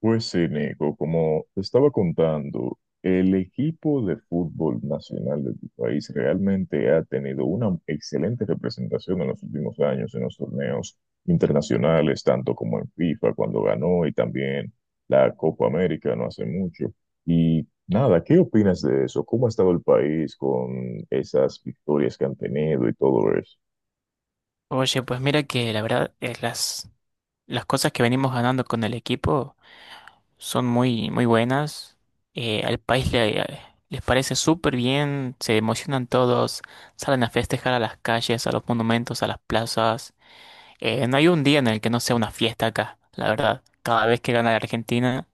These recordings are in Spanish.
Pues sí, Nico, como te estaba contando, el equipo de fútbol nacional de tu país realmente ha tenido una excelente representación en los últimos años en los torneos internacionales, tanto como en FIFA cuando ganó y también la Copa América no hace mucho. Y nada, ¿qué opinas de eso? ¿Cómo ha estado el país con esas victorias que han tenido y todo eso? Oye, pues mira que la verdad es las cosas que venimos ganando con el equipo son muy, muy buenas. Al país les parece súper bien, se emocionan todos, salen a festejar a las calles, a los monumentos, a las plazas. No hay un día en el que no sea una fiesta acá, la verdad. Cada vez que gana la Argentina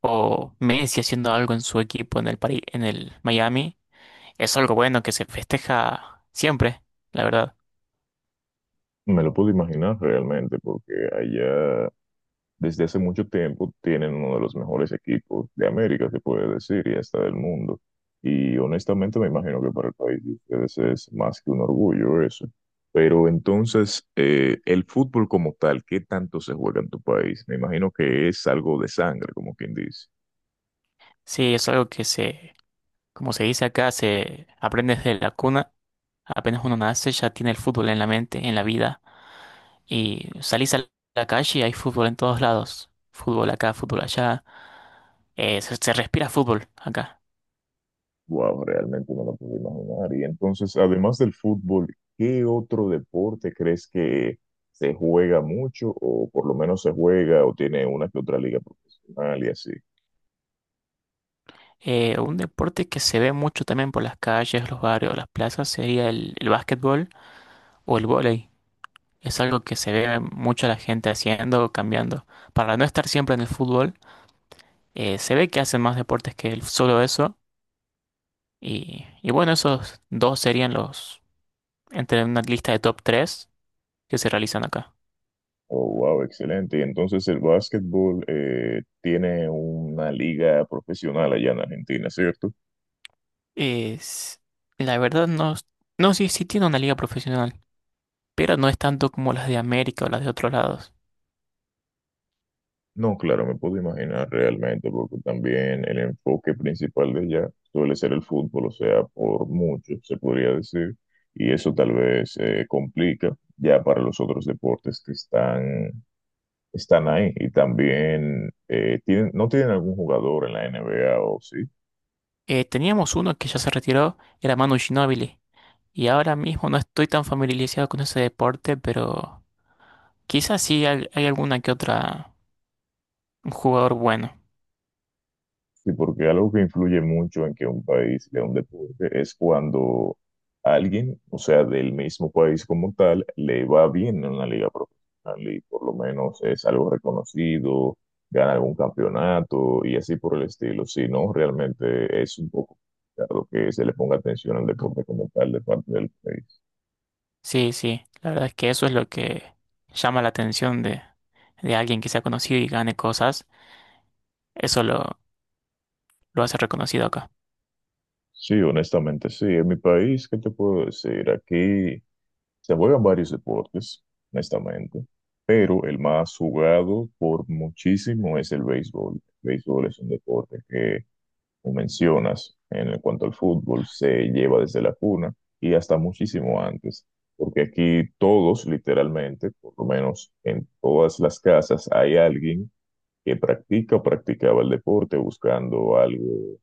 o Messi haciendo algo en su equipo en el Miami, es algo bueno que se festeja siempre, la verdad. Me lo puedo imaginar realmente porque allá desde hace mucho tiempo tienen uno de los mejores equipos de América, se puede decir, y hasta del mundo. Y honestamente me imagino que para el país de ustedes es más que un orgullo eso. Pero entonces, el fútbol como tal, ¿qué tanto se juega en tu país? Me imagino que es algo de sangre, como quien dice. Sí, es algo que se como se dice acá, se aprende desde la cuna. Apenas uno nace, ya tiene el fútbol en la mente, en la vida. Y salís a la calle y hay fútbol en todos lados. Fútbol acá, fútbol allá. Se respira fútbol acá. Wow, realmente no lo puedo imaginar. Y entonces, además del fútbol, ¿qué otro deporte crees que se juega mucho o por lo menos se juega o tiene una que otra liga profesional y así? Un deporte que se ve mucho también por las calles, los barrios, las plazas sería el básquetbol o el vóley. Es algo que se ve mucho la gente haciendo, cambiando. Para no estar siempre en el fútbol, se ve que hacen más deportes que solo eso. Y bueno, esos dos serían los entre una lista de top 3 que se realizan acá. Oh, wow, excelente. Y entonces el básquetbol tiene una liga profesional allá en Argentina, ¿cierto? Es, la verdad no, es- no sí, sí tiene una liga profesional, pero no es tanto como las de América o las de otros lados. No, claro, me puedo imaginar realmente, porque también el enfoque principal de allá suele ser el fútbol, o sea, por mucho, se podría decir, y eso tal vez complica ya para los otros deportes que están ahí. Y también, ¿no tienen algún jugador en la NBA o sí? Teníamos uno que ya se retiró, era Manu Ginóbili, y ahora mismo no estoy tan familiarizado con ese deporte, pero quizás sí hay alguna que otra un jugador bueno. Sí, porque algo que influye mucho en que un país sea un deporte es cuando alguien, o sea, del mismo país como tal, le va bien en una liga profesional y por lo menos es algo reconocido, gana algún campeonato y así por el estilo. Si no, realmente es un poco complicado que se le ponga atención al deporte como tal de parte del país. Sí, sí, la verdad es que eso es lo que llama la atención de alguien que sea conocido y gane cosas, eso lo hace reconocido acá. Sí, honestamente, sí. En mi país, ¿qué te puedo decir? Aquí se juegan varios deportes, honestamente, pero el más jugado por muchísimo es el béisbol. El béisbol es un deporte que, como mencionas, en cuanto al fútbol, se lleva desde la cuna y hasta muchísimo antes, porque aquí todos, literalmente, por lo menos en todas las casas, hay alguien que practica o practicaba el deporte buscando algo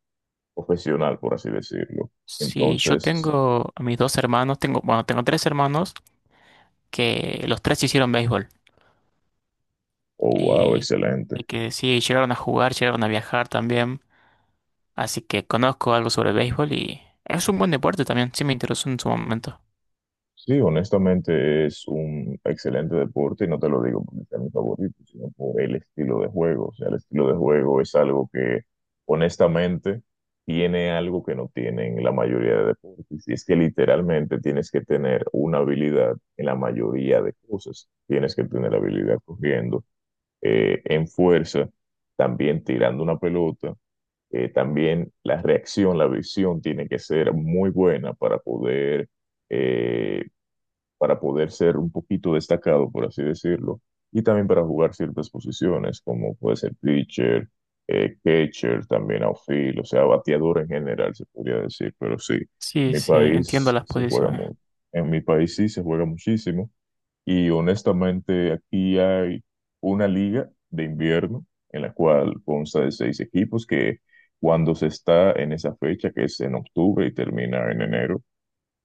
profesional, por así decirlo. Sí, yo Entonces, tengo a mis dos hermanos, tengo, bueno, tengo tres hermanos que los tres hicieron béisbol oh, wow, y, y excelente. que sí, llegaron a jugar, llegaron a viajar también, así que conozco algo sobre el béisbol y es un buen deporte también, sí me interesó en su momento. Sí, honestamente es un excelente deporte y no te lo digo porque sea mi favorito, sino por el estilo de juego. O sea, el estilo de juego es algo que honestamente tiene algo que no tienen la mayoría de deportes. Y es que literalmente tienes que tener una habilidad en la mayoría de cosas. Tienes que tener habilidad corriendo, en fuerza, también tirando una pelota. También la reacción, la visión tiene que ser muy buena eh, para poder ser un poquito destacado, por así decirlo, y también para jugar ciertas posiciones, como puede ser pitcher, catcher, también outfield, o sea, bateador en general, se podría decir, pero sí, en Sí, mi sí, entiendo país las se juega posiciones. mucho. En mi país sí se juega muchísimo, y honestamente aquí hay una liga de invierno en la cual consta de seis equipos que cuando se está en esa fecha, que es en octubre y termina en enero.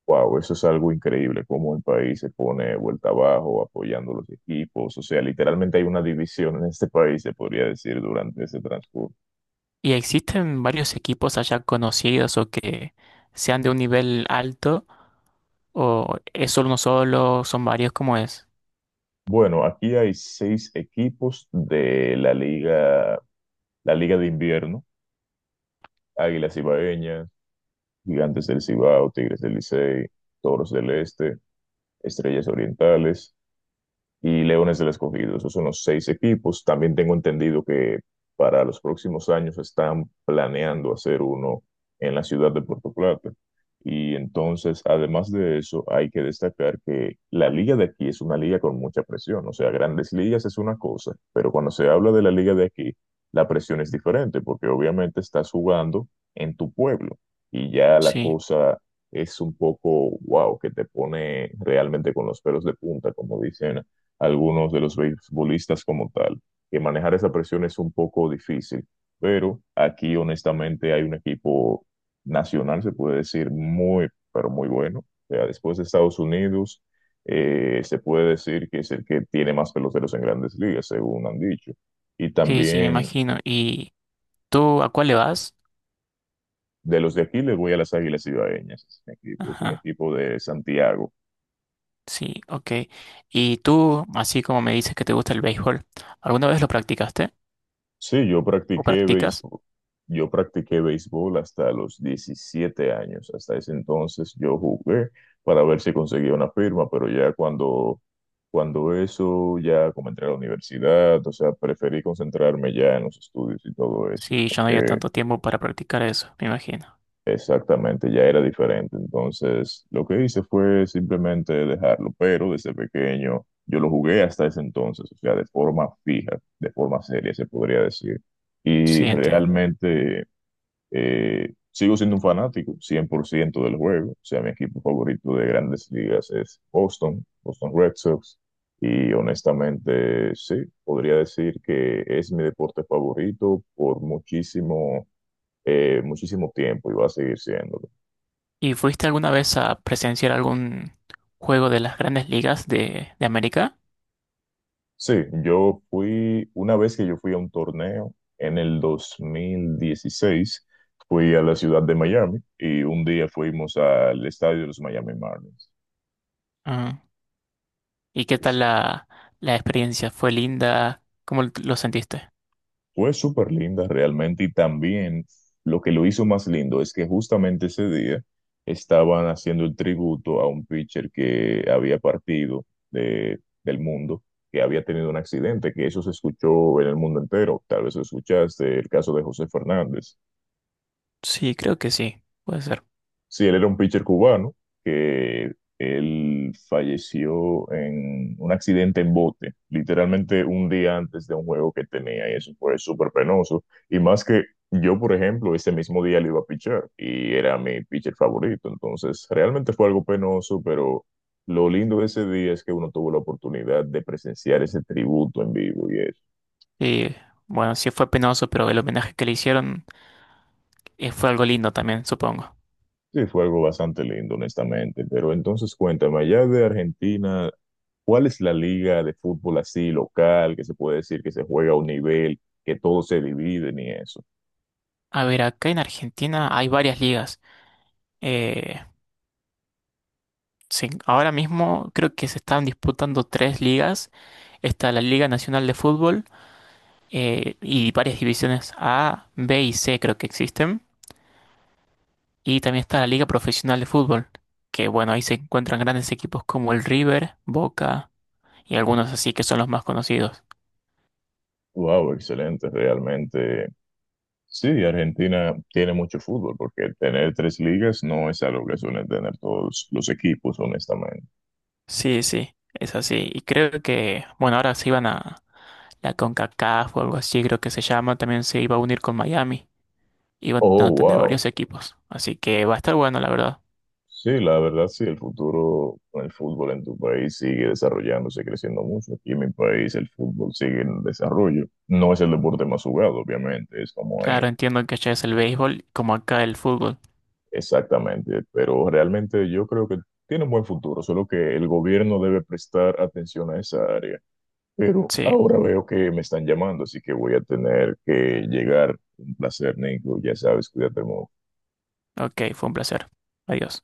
Wow, eso es algo increíble, cómo el país se pone vuelta abajo apoyando los equipos. O sea, literalmente hay una división en este país, se podría decir, durante ese transcurso. ¿Y existen varios equipos allá conocidos o que sean de un nivel alto o es solo uno solo, son varios, como es? Bueno, aquí hay seis equipos de la liga de invierno: Águilas Ibaeñas, Gigantes del Cibao, Tigres del Licey, Toros del Este, Estrellas Orientales y Leones del Escogido. Esos son los seis equipos. También tengo entendido que para los próximos años están planeando hacer uno en la ciudad de Puerto Plata. Y entonces, además de eso, hay que destacar que la liga de aquí es una liga con mucha presión. O sea, grandes ligas es una cosa, pero cuando se habla de la liga de aquí, la presión es diferente porque obviamente estás jugando en tu pueblo y ya la Sí, cosa es un poco, wow, que te pone realmente con los pelos de punta, como dicen algunos de los beisbolistas como tal, que manejar esa presión es un poco difícil, pero aquí honestamente hay un equipo nacional, se puede decir, muy, pero muy bueno. O sea, después de Estados Unidos, se puede decir que es el que tiene más peloteros en grandes ligas, según han dicho. Y sí, sí, me también imagino. ¿Y tú a cuál le vas? de los de aquí les voy a las Águilas cibaeñas. Es un equipo, es un Ajá. equipo de Santiago. Sí, ok. Y tú, así como me dices que te gusta el béisbol, ¿alguna vez lo practicaste Sí, yo o practiqué practicas? béisbol. Yo practiqué béisbol hasta los 17 años. Hasta ese entonces yo jugué para ver si conseguía una firma, pero ya cuando eso, ya como entré a la universidad, o sea, preferí concentrarme ya en los estudios y todo eso Sí, yo no había porque. tanto tiempo para practicar eso, me imagino. Exactamente, ya era diferente. Entonces, lo que hice fue simplemente dejarlo, pero desde pequeño yo lo jugué hasta ese entonces, o sea, de forma fija, de forma seria, se podría decir. Y Sí, entiendo. realmente sigo siendo un fanático 100% del juego, o sea, mi equipo favorito de grandes ligas es Boston, Boston Red Sox, y honestamente, sí, podría decir que es mi deporte favorito por muchísimo tiempo y va a seguir siendo. ¿Y fuiste alguna vez a presenciar algún juego de las grandes ligas de América? Sí, yo fui, una vez que yo fui a un torneo en el 2016, fui a la ciudad de Miami y un día fuimos al estadio de los Miami Marlins. Ah. ¿Y qué tal Es- la experiencia? ¿Fue linda? ¿Cómo lo sentiste? Fue súper linda realmente y también lo que lo hizo más lindo es que justamente ese día estaban haciendo el tributo a un pitcher que había partido del mundo, que había tenido un accidente, que eso se escuchó en el mundo entero, tal vez lo escuchaste, el caso de José Fernández. Sí, creo que sí, puede ser. Sí, él era un pitcher cubano que él falleció en un accidente en bote, literalmente un día antes de un juego que tenía, y eso fue súper penoso. Y más que yo, por ejemplo, ese mismo día le iba a pichar y era mi pitcher favorito. Entonces, realmente fue algo penoso, pero lo lindo de ese día es que uno tuvo la oportunidad de presenciar ese tributo en vivo y eso. Y bueno, sí fue penoso, pero el homenaje que le hicieron fue algo lindo también, supongo. Sí, fue algo bastante lindo, honestamente. Pero entonces, cuéntame, allá de Argentina, ¿cuál es la liga de fútbol así local que se puede decir que se juega a un nivel, que todos se dividen y eso? A ver, acá en Argentina hay varias ligas. Eh, sí, ahora mismo creo que se están disputando tres ligas. Está la Liga Nacional de Fútbol y varias divisiones A, B y C creo que existen. Y también está la Liga Profesional de Fútbol, que bueno, ahí se encuentran grandes equipos como el River, Boca, y algunos así que son los más conocidos. Wow, excelente, realmente. Sí, Argentina tiene mucho fútbol porque tener tres ligas no es algo que suelen tener todos los equipos, honestamente. Sí, sí, es así. Y creo que, bueno, ahora se iban a la CONCACAF o algo así, creo que se llama, también se iba a unir con Miami. Iban a Oh, tener wow. varios equipos. Así que va a estar bueno, la verdad. Sí, la verdad sí, el futuro con el fútbol en tu país sigue desarrollándose, creciendo mucho. Aquí en mi país el fútbol sigue en desarrollo. No es el deporte más jugado, obviamente, es como el. Claro, entiendo que allá es el béisbol como acá el fútbol. Exactamente, pero realmente yo creo que tiene un buen futuro, solo que el gobierno debe prestar atención a esa área. Pero Sí, ahora veo que me están llamando, así que voy a tener que llegar. Un placer, Nico, ya sabes, cuídate mucho. ok, fue un placer. Adiós.